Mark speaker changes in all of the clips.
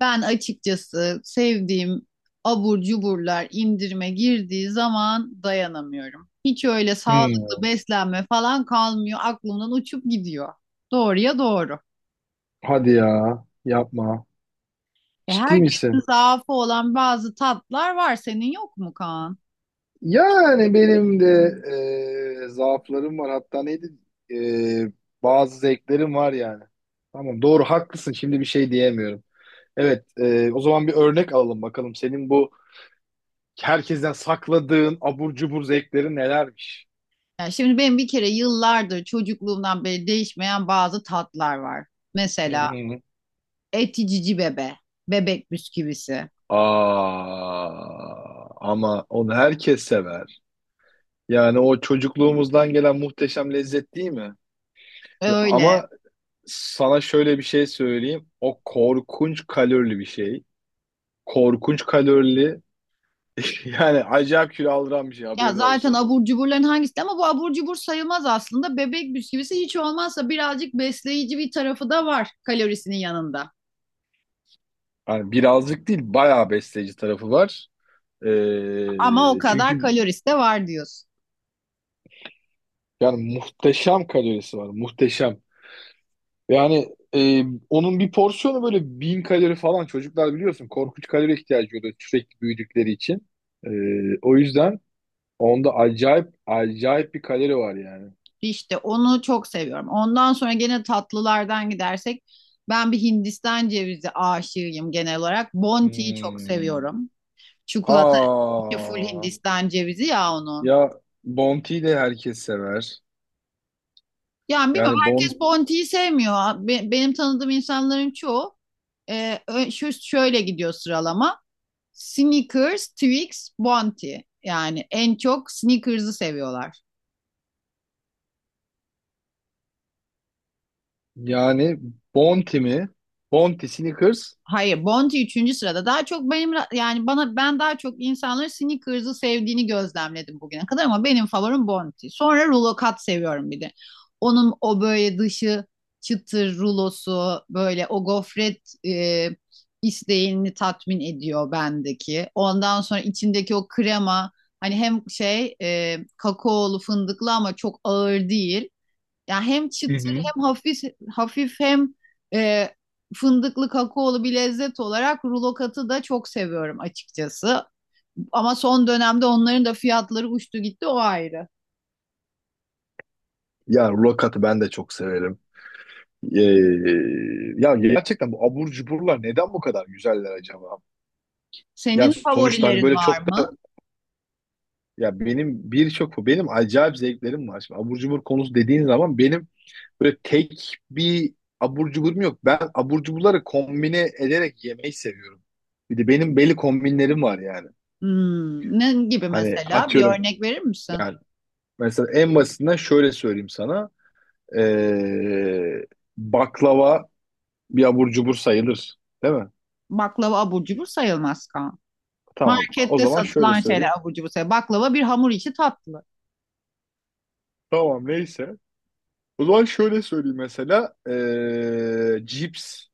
Speaker 1: Ben açıkçası sevdiğim abur cuburlar indirime girdiği zaman dayanamıyorum. Hiç öyle sağlıklı
Speaker 2: Hmm,
Speaker 1: beslenme falan kalmıyor. Aklımdan uçup gidiyor. Doğruya doğru.
Speaker 2: hadi ya, yapma.
Speaker 1: E,
Speaker 2: Ciddi
Speaker 1: herkesin
Speaker 2: misin?
Speaker 1: zaafı olan bazı tatlar var. Senin yok mu, Kaan?
Speaker 2: Yani benim de zaaflarım var. Hatta neydi? E, bazı zevklerim var yani. Tamam, doğru, haklısın. Şimdi bir şey diyemiyorum. Evet, o zaman bir örnek alalım bakalım. Senin bu herkesten sakladığın abur cubur zevkleri nelermiş?
Speaker 1: Yani şimdi benim bir kere yıllardır çocukluğumdan beri değişmeyen bazı tatlar var.
Speaker 2: Hı
Speaker 1: Mesela
Speaker 2: hı.
Speaker 1: eti cici bebe, bebek bisküvisi.
Speaker 2: Aa, ama onu herkes sever. Yani o çocukluğumuzdan gelen muhteşem lezzet, değil mi?
Speaker 1: Öyle.
Speaker 2: Ama Sana şöyle bir şey söyleyeyim. O korkunç kalorili bir şey. Korkunç kalorili. Yani acayip kilo aldıran bir şey,
Speaker 1: Ya
Speaker 2: haberin
Speaker 1: zaten
Speaker 2: olsun.
Speaker 1: abur cuburların hangisi ama bu abur cubur sayılmaz aslında. Bebek bisküvisi hiç olmazsa birazcık besleyici bir tarafı da var kalorisinin yanında.
Speaker 2: Yani birazcık değil, bayağı besleyici tarafı var.
Speaker 1: Ama o
Speaker 2: Ee,
Speaker 1: kadar
Speaker 2: çünkü
Speaker 1: kalorisi de var diyorsun.
Speaker 2: yani muhteşem kalorisi var. Muhteşem. Yani, onun bir porsiyonu böyle bin kalori falan. Çocuklar, biliyorsun, korkunç kalori ihtiyacı oluyor sürekli büyüdükleri için. Ee, o yüzden onda acayip acayip bir kalori var yani.
Speaker 1: İşte onu çok seviyorum. Ondan sonra gene tatlılardan gidersek ben bir Hindistan cevizi aşığıyım genel olarak. Bounty'yi çok
Speaker 2: Hmm.
Speaker 1: seviyorum. Çikolata içi full
Speaker 2: Aa,
Speaker 1: Hindistan cevizi ya onun.
Speaker 2: ya Bounty'yi de herkes sever.
Speaker 1: Yani bilmiyorum,
Speaker 2: Yani Bon
Speaker 1: herkes Bounty'yi sevmiyor. Benim tanıdığım insanların çoğu şu şöyle gidiyor sıralama. Snickers, Twix, Bounty. Yani en çok Snickers'ı seviyorlar.
Speaker 2: yani Bounty mi? Bounty Snickers.
Speaker 1: Hayır, Bounty üçüncü sırada. Daha çok benim yani bana ben daha çok insanların Snickers'ı sevdiğini gözlemledim bugüne kadar, ama benim favorim Bounty. Sonra rulo kat seviyorum bir de. Onun o böyle dışı çıtır rulosu, böyle o gofret isteğini tatmin ediyor bendeki. Ondan sonra içindeki o krema, hani hem şey kakaolu fındıklı ama çok ağır değil. Yani hem
Speaker 2: Hı
Speaker 1: çıtır
Speaker 2: hı.
Speaker 1: hem hafif hafif hem e, fındıklı kakaolu bir lezzet olarak rulo katı da çok seviyorum açıkçası. Ama son dönemde onların da fiyatları uçtu gitti, o ayrı.
Speaker 2: Ya Rokat'ı ben de çok severim. Ee, ya gerçekten bu abur cuburlar neden bu kadar güzeller acaba? Yani
Speaker 1: Senin
Speaker 2: sonuçta, hani
Speaker 1: favorilerin
Speaker 2: böyle
Speaker 1: var
Speaker 2: çok da,
Speaker 1: mı?
Speaker 2: ya benim birçok benim acayip zevklerim var. Şimdi abur cubur konusu dediğin zaman benim böyle tek bir abur cuburum yok. Ben abur cuburları kombine ederek yemeyi seviyorum. Bir de benim belli kombinlerim var yani.
Speaker 1: Ne gibi
Speaker 2: Hani
Speaker 1: mesela? Bir
Speaker 2: atıyorum,
Speaker 1: örnek verir misin?
Speaker 2: yani mesela en basitinden şöyle söyleyeyim sana. Ee, baklava bir abur cubur sayılır. Değil mi?
Speaker 1: Baklava abur cubur sayılmaz, kan.
Speaker 2: Tamam. O
Speaker 1: Markette
Speaker 2: zaman şöyle
Speaker 1: satılan şeyler
Speaker 2: söyleyeyim.
Speaker 1: abur cubur sayılmaz. Baklava bir hamur içi tatlı.
Speaker 2: Tamam, neyse. O zaman şöyle söyleyeyim mesela. Cips.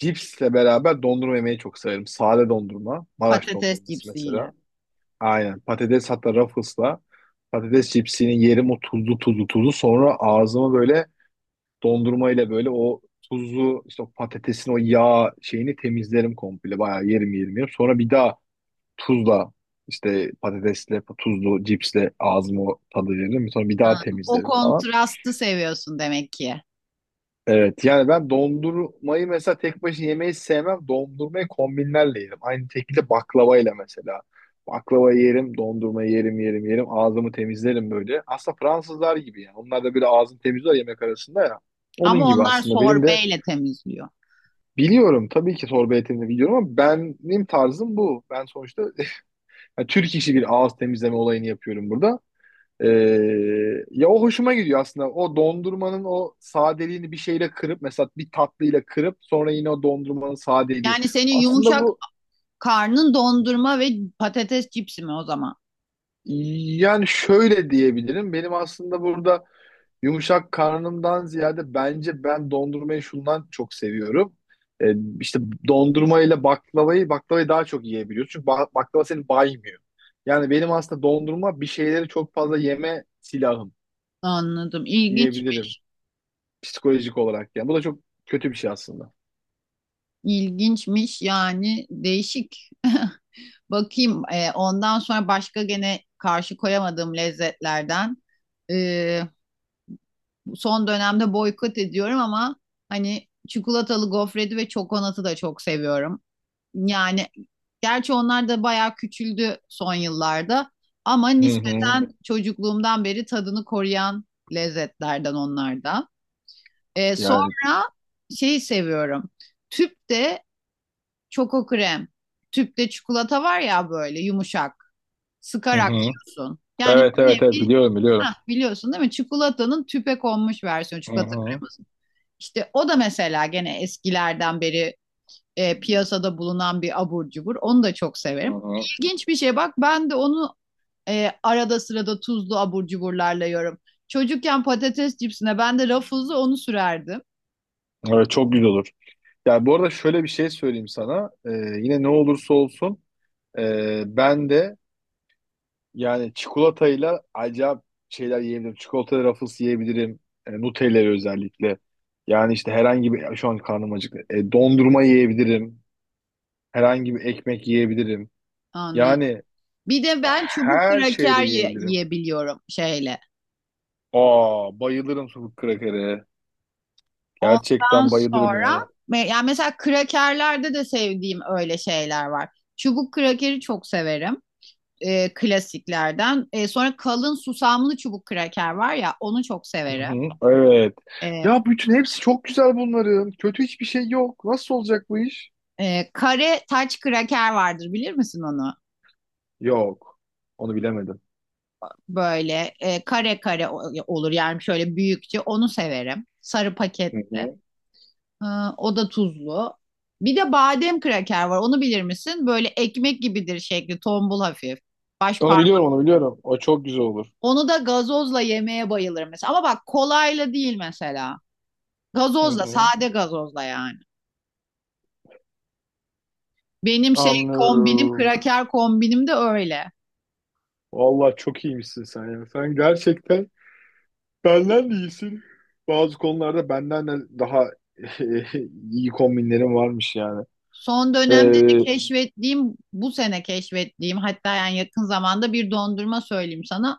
Speaker 2: Cipsle beraber dondurma yemeyi çok severim. Sade dondurma. Maraş
Speaker 1: Patates
Speaker 2: dondurması
Speaker 1: cipsiyle.
Speaker 2: mesela. Aynen. Patates, hatta Ruffles'la patates cipsini yerim, o tuzlu tuzlu tuzlu, sonra ağzımı böyle dondurmayla, böyle o tuzlu işte o patatesin o yağ şeyini temizlerim komple, bayağı yerim yerim yerim. Sonra bir daha tuzla işte, patatesle tuzlu cipsle ağzımı tadı veririm. Sonra bir daha
Speaker 1: Ha, o
Speaker 2: temizlerim falan.
Speaker 1: kontrastı seviyorsun demek ki.
Speaker 2: Evet, yani ben dondurmayı mesela tek başına yemeyi sevmem. Dondurmayı kombinlerle yerim. Aynı şekilde baklavayla mesela. Baklava yerim, dondurma yerim, yerim, yerim. Ağzımı temizlerim böyle. Aslında Fransızlar gibi yani. Onlar da böyle ağzını temizler yemek arasında ya. Onun
Speaker 1: Ama
Speaker 2: gibi
Speaker 1: onlar
Speaker 2: aslında benim de
Speaker 1: sorbeyle temizliyor.
Speaker 2: biliyorum. Tabii ki torba etimini biliyorum ama benim tarzım bu. Ben sonuçta, yani, Türk işi bir ağız temizleme olayını yapıyorum burada. Ee, ya o hoşuma gidiyor aslında. O dondurmanın o sadeliğini bir şeyle kırıp, mesela bir tatlıyla kırıp sonra yine o dondurmanın sadeliği.
Speaker 1: Yani senin
Speaker 2: Aslında
Speaker 1: yumuşak
Speaker 2: bu,
Speaker 1: karnın dondurma ve patates cipsi mi o zaman?
Speaker 2: yani şöyle diyebilirim. Benim aslında burada yumuşak karnımdan ziyade, bence ben dondurmayı şundan çok seviyorum. Ee, işte dondurma ile baklavayı daha çok yiyebiliyorsun. Çünkü baklava seni baymıyor. Yani benim aslında dondurma, bir şeyleri çok fazla yeme silahım
Speaker 1: Anladım. İlginç.
Speaker 2: diyebilirim. Psikolojik olarak yani. Bu da çok kötü bir şey aslında.
Speaker 1: İlginçmiş yani, değişik. Bakayım, ondan sonra başka gene karşı koyamadığım lezzetlerden. E, Son dönemde boykot ediyorum ama hani çikolatalı gofreti ve çokonatı da çok seviyorum. Yani gerçi onlar da bayağı küçüldü son yıllarda, ama
Speaker 2: Hı hı.
Speaker 1: nispeten çocukluğumdan beri tadını koruyan lezzetlerden onlar da.
Speaker 2: Yani,
Speaker 1: Sonra şeyi seviyorum. Tüp de Çoko krem. Tüpte çikolata var ya, böyle yumuşak.
Speaker 2: hı
Speaker 1: Sıkarak
Speaker 2: hı.
Speaker 1: yiyorsun. Yani
Speaker 2: Evet,
Speaker 1: bir
Speaker 2: evet, evet,
Speaker 1: nevi,
Speaker 2: biliyorum, biliyorum.
Speaker 1: hah, biliyorsun değil mi? Çikolatanın tüpe konmuş versiyonu,
Speaker 2: Hı
Speaker 1: çikolata
Speaker 2: hı.
Speaker 1: kreması. İşte o da mesela gene eskilerden beri piyasada bulunan bir abur cubur. Onu da çok
Speaker 2: Hı
Speaker 1: severim.
Speaker 2: hı.
Speaker 1: İlginç bir şey, bak ben de onu arada sırada tuzlu abur cuburlarla yiyorum. Çocukken patates cipsine ben de rafızı onu sürerdim.
Speaker 2: Evet, çok güzel olur. Ya bu arada şöyle bir şey söyleyeyim sana. Yine ne olursa olsun, ben de yani çikolatayla acayip şeyler yiyebilirim. Çikolata rafles yiyebilirim. Nutella'yı özellikle. Yani işte herhangi bir, şu an karnım acıktı. Dondurma yiyebilirim. Herhangi bir ekmek yiyebilirim.
Speaker 1: Anladım.
Speaker 2: Yani
Speaker 1: Bir de ben çubuk
Speaker 2: her
Speaker 1: kraker
Speaker 2: şeyle yiyebilirim.
Speaker 1: yiyebiliyorum şeyle.
Speaker 2: Aa, bayılırım sucuk krakere.
Speaker 1: Ondan
Speaker 2: Gerçekten bayılırım yani.
Speaker 1: sonra yani mesela krakerlerde de sevdiğim öyle şeyler var. Çubuk krakeri çok severim, klasiklerden. Sonra kalın susamlı çubuk kraker var ya, onu çok
Speaker 2: Hı
Speaker 1: severim.
Speaker 2: hı, evet.
Speaker 1: E,
Speaker 2: Ya bütün hepsi çok güzel bunların. Kötü hiçbir şey yok. Nasıl olacak bu iş?
Speaker 1: Kare taç kraker vardır, bilir misin onu?
Speaker 2: Yok. Onu bilemedim.
Speaker 1: Böyle kare kare olur yani, şöyle büyükçe, onu severim. Sarı paket,
Speaker 2: Hı hı.
Speaker 1: e, o da tuzlu. Bir de badem kraker var, onu bilir misin? Böyle ekmek gibidir, şekli tombul hafif. Baş
Speaker 2: Onu biliyorum, onu biliyorum. O çok güzel olur.
Speaker 1: Onu da gazozla yemeye bayılırım mesela. Ama bak, kolayla değil mesela.
Speaker 2: Hı
Speaker 1: Gazozla,
Speaker 2: hı.
Speaker 1: sade gazozla yani. Benim şey kombinim,
Speaker 2: Anlıyorum.
Speaker 1: kraker kombinim de öyle.
Speaker 2: Vallahi çok iyiymişsin sen ya. Sen gerçekten benden de iyisin. Bazı konularda benden de daha iyi kombinlerin varmış yani.
Speaker 1: Son dönemde de
Speaker 2: Ee,
Speaker 1: keşfettiğim, bu sene keşfettiğim hatta, yani yakın zamanda bir dondurma söyleyeyim sana.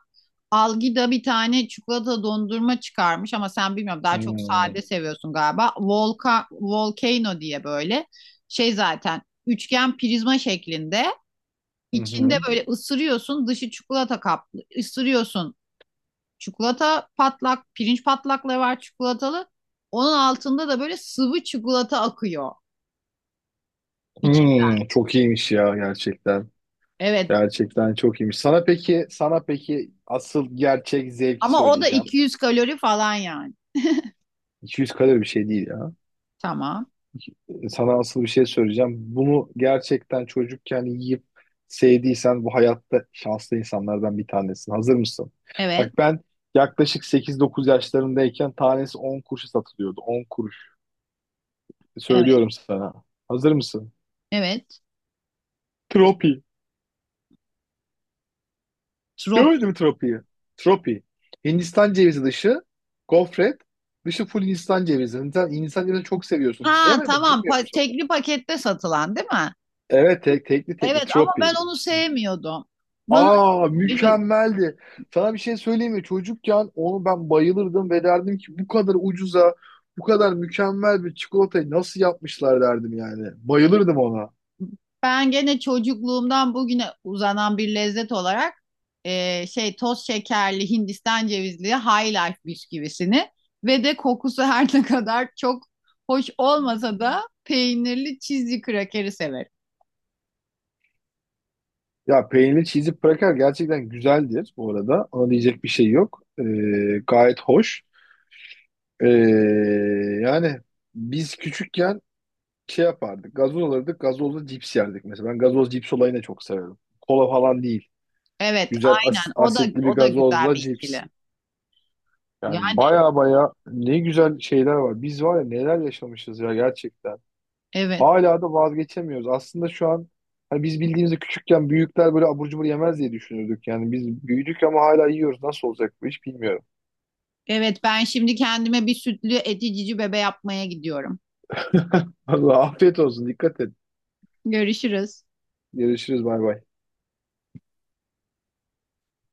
Speaker 1: Algida bir tane çikolata dondurma çıkarmış, ama sen bilmiyorum, daha çok
Speaker 2: hmm,
Speaker 1: sade seviyorsun galiba. Volka, Volcano diye, böyle şey zaten, üçgen prizma şeklinde.
Speaker 2: hı
Speaker 1: İçinde
Speaker 2: hı.
Speaker 1: böyle ısırıyorsun, dışı çikolata kaplı. Isırıyorsun. Çikolata patlak, pirinç patlakları var çikolatalı. Onun altında da böyle sıvı çikolata akıyor. İç,
Speaker 2: Çok iyiymiş ya gerçekten.
Speaker 1: evet.
Speaker 2: Gerçekten çok iyiymiş. Sana peki, asıl gerçek zevki
Speaker 1: Ama o da
Speaker 2: söyleyeceğim.
Speaker 1: 200 kalori falan yani.
Speaker 2: 200 kalori bir şey değil ya.
Speaker 1: Tamam.
Speaker 2: Sana asıl bir şey söyleyeceğim. Bunu gerçekten çocukken yiyip sevdiysen bu hayatta şanslı insanlardan bir tanesin. Hazır mısın?
Speaker 1: Evet.
Speaker 2: Bak ben yaklaşık 8-9 yaşlarındayken tanesi 10 kuruşa satılıyordu. 10 kuruş.
Speaker 1: Evet.
Speaker 2: Söylüyorum sana. Hazır mısın?
Speaker 1: Evet.
Speaker 2: Tropi.
Speaker 1: Trop.
Speaker 2: Gördüm Tropi'yi. Tropi. Hindistan cevizi dışı, gofret, dışı full Hindistan cevizi. Hindistan cevizini çok seviyorsun.
Speaker 1: Ha,
Speaker 2: Yemedim,
Speaker 1: tamam.
Speaker 2: bilmiyor musun?
Speaker 1: Tekli pakette satılan değil mi?
Speaker 2: Evet, tekli
Speaker 1: Evet, ama ben
Speaker 2: Tropi.
Speaker 1: onu sevmiyordum. Bana
Speaker 2: Aa, mükemmeldi. Sana bir şey söyleyeyim mi? Çocukken onu ben bayılırdım ve derdim ki bu kadar ucuza, bu kadar mükemmel bir çikolatayı nasıl yapmışlar derdim yani. Bayılırdım ona.
Speaker 1: Ben gene çocukluğumdan bugüne uzanan bir lezzet olarak şey toz şekerli Hindistan cevizli High Life bisküvisini ve de kokusu her ne kadar çok hoş olmasa da peynirli cheesy krakeri severim.
Speaker 2: Ya peynirli cheesy cracker gerçekten güzeldir bu arada. Ona diyecek bir şey yok. Gayet hoş. Ee, yani biz küçükken şey yapardık. Gazoz alırdık. Gazozla cips yerdik mesela. Ben gazoz cips olayını çok severim. Kola falan değil.
Speaker 1: Evet,
Speaker 2: Güzel as-
Speaker 1: aynen. O da
Speaker 2: asitli bir
Speaker 1: o da güzel bir
Speaker 2: gazozla cips.
Speaker 1: ikili.
Speaker 2: Yani
Speaker 1: Yani,
Speaker 2: baya baya ne güzel şeyler var. Biz var ya, neler yaşamışız ya gerçekten.
Speaker 1: evet.
Speaker 2: Hala da vazgeçemiyoruz. Aslında şu an hani biz bildiğimizde küçükken büyükler böyle abur cubur yemez diye düşünürdük. Yani biz büyüdük ama hala yiyoruz. Nasıl olacak bu iş bilmiyorum.
Speaker 1: Evet, ben şimdi kendime bir sütlü eti cici bebe yapmaya gidiyorum.
Speaker 2: Allah afiyet olsun. Dikkat et.
Speaker 1: Görüşürüz.
Speaker 2: Görüşürüz. Bay bay.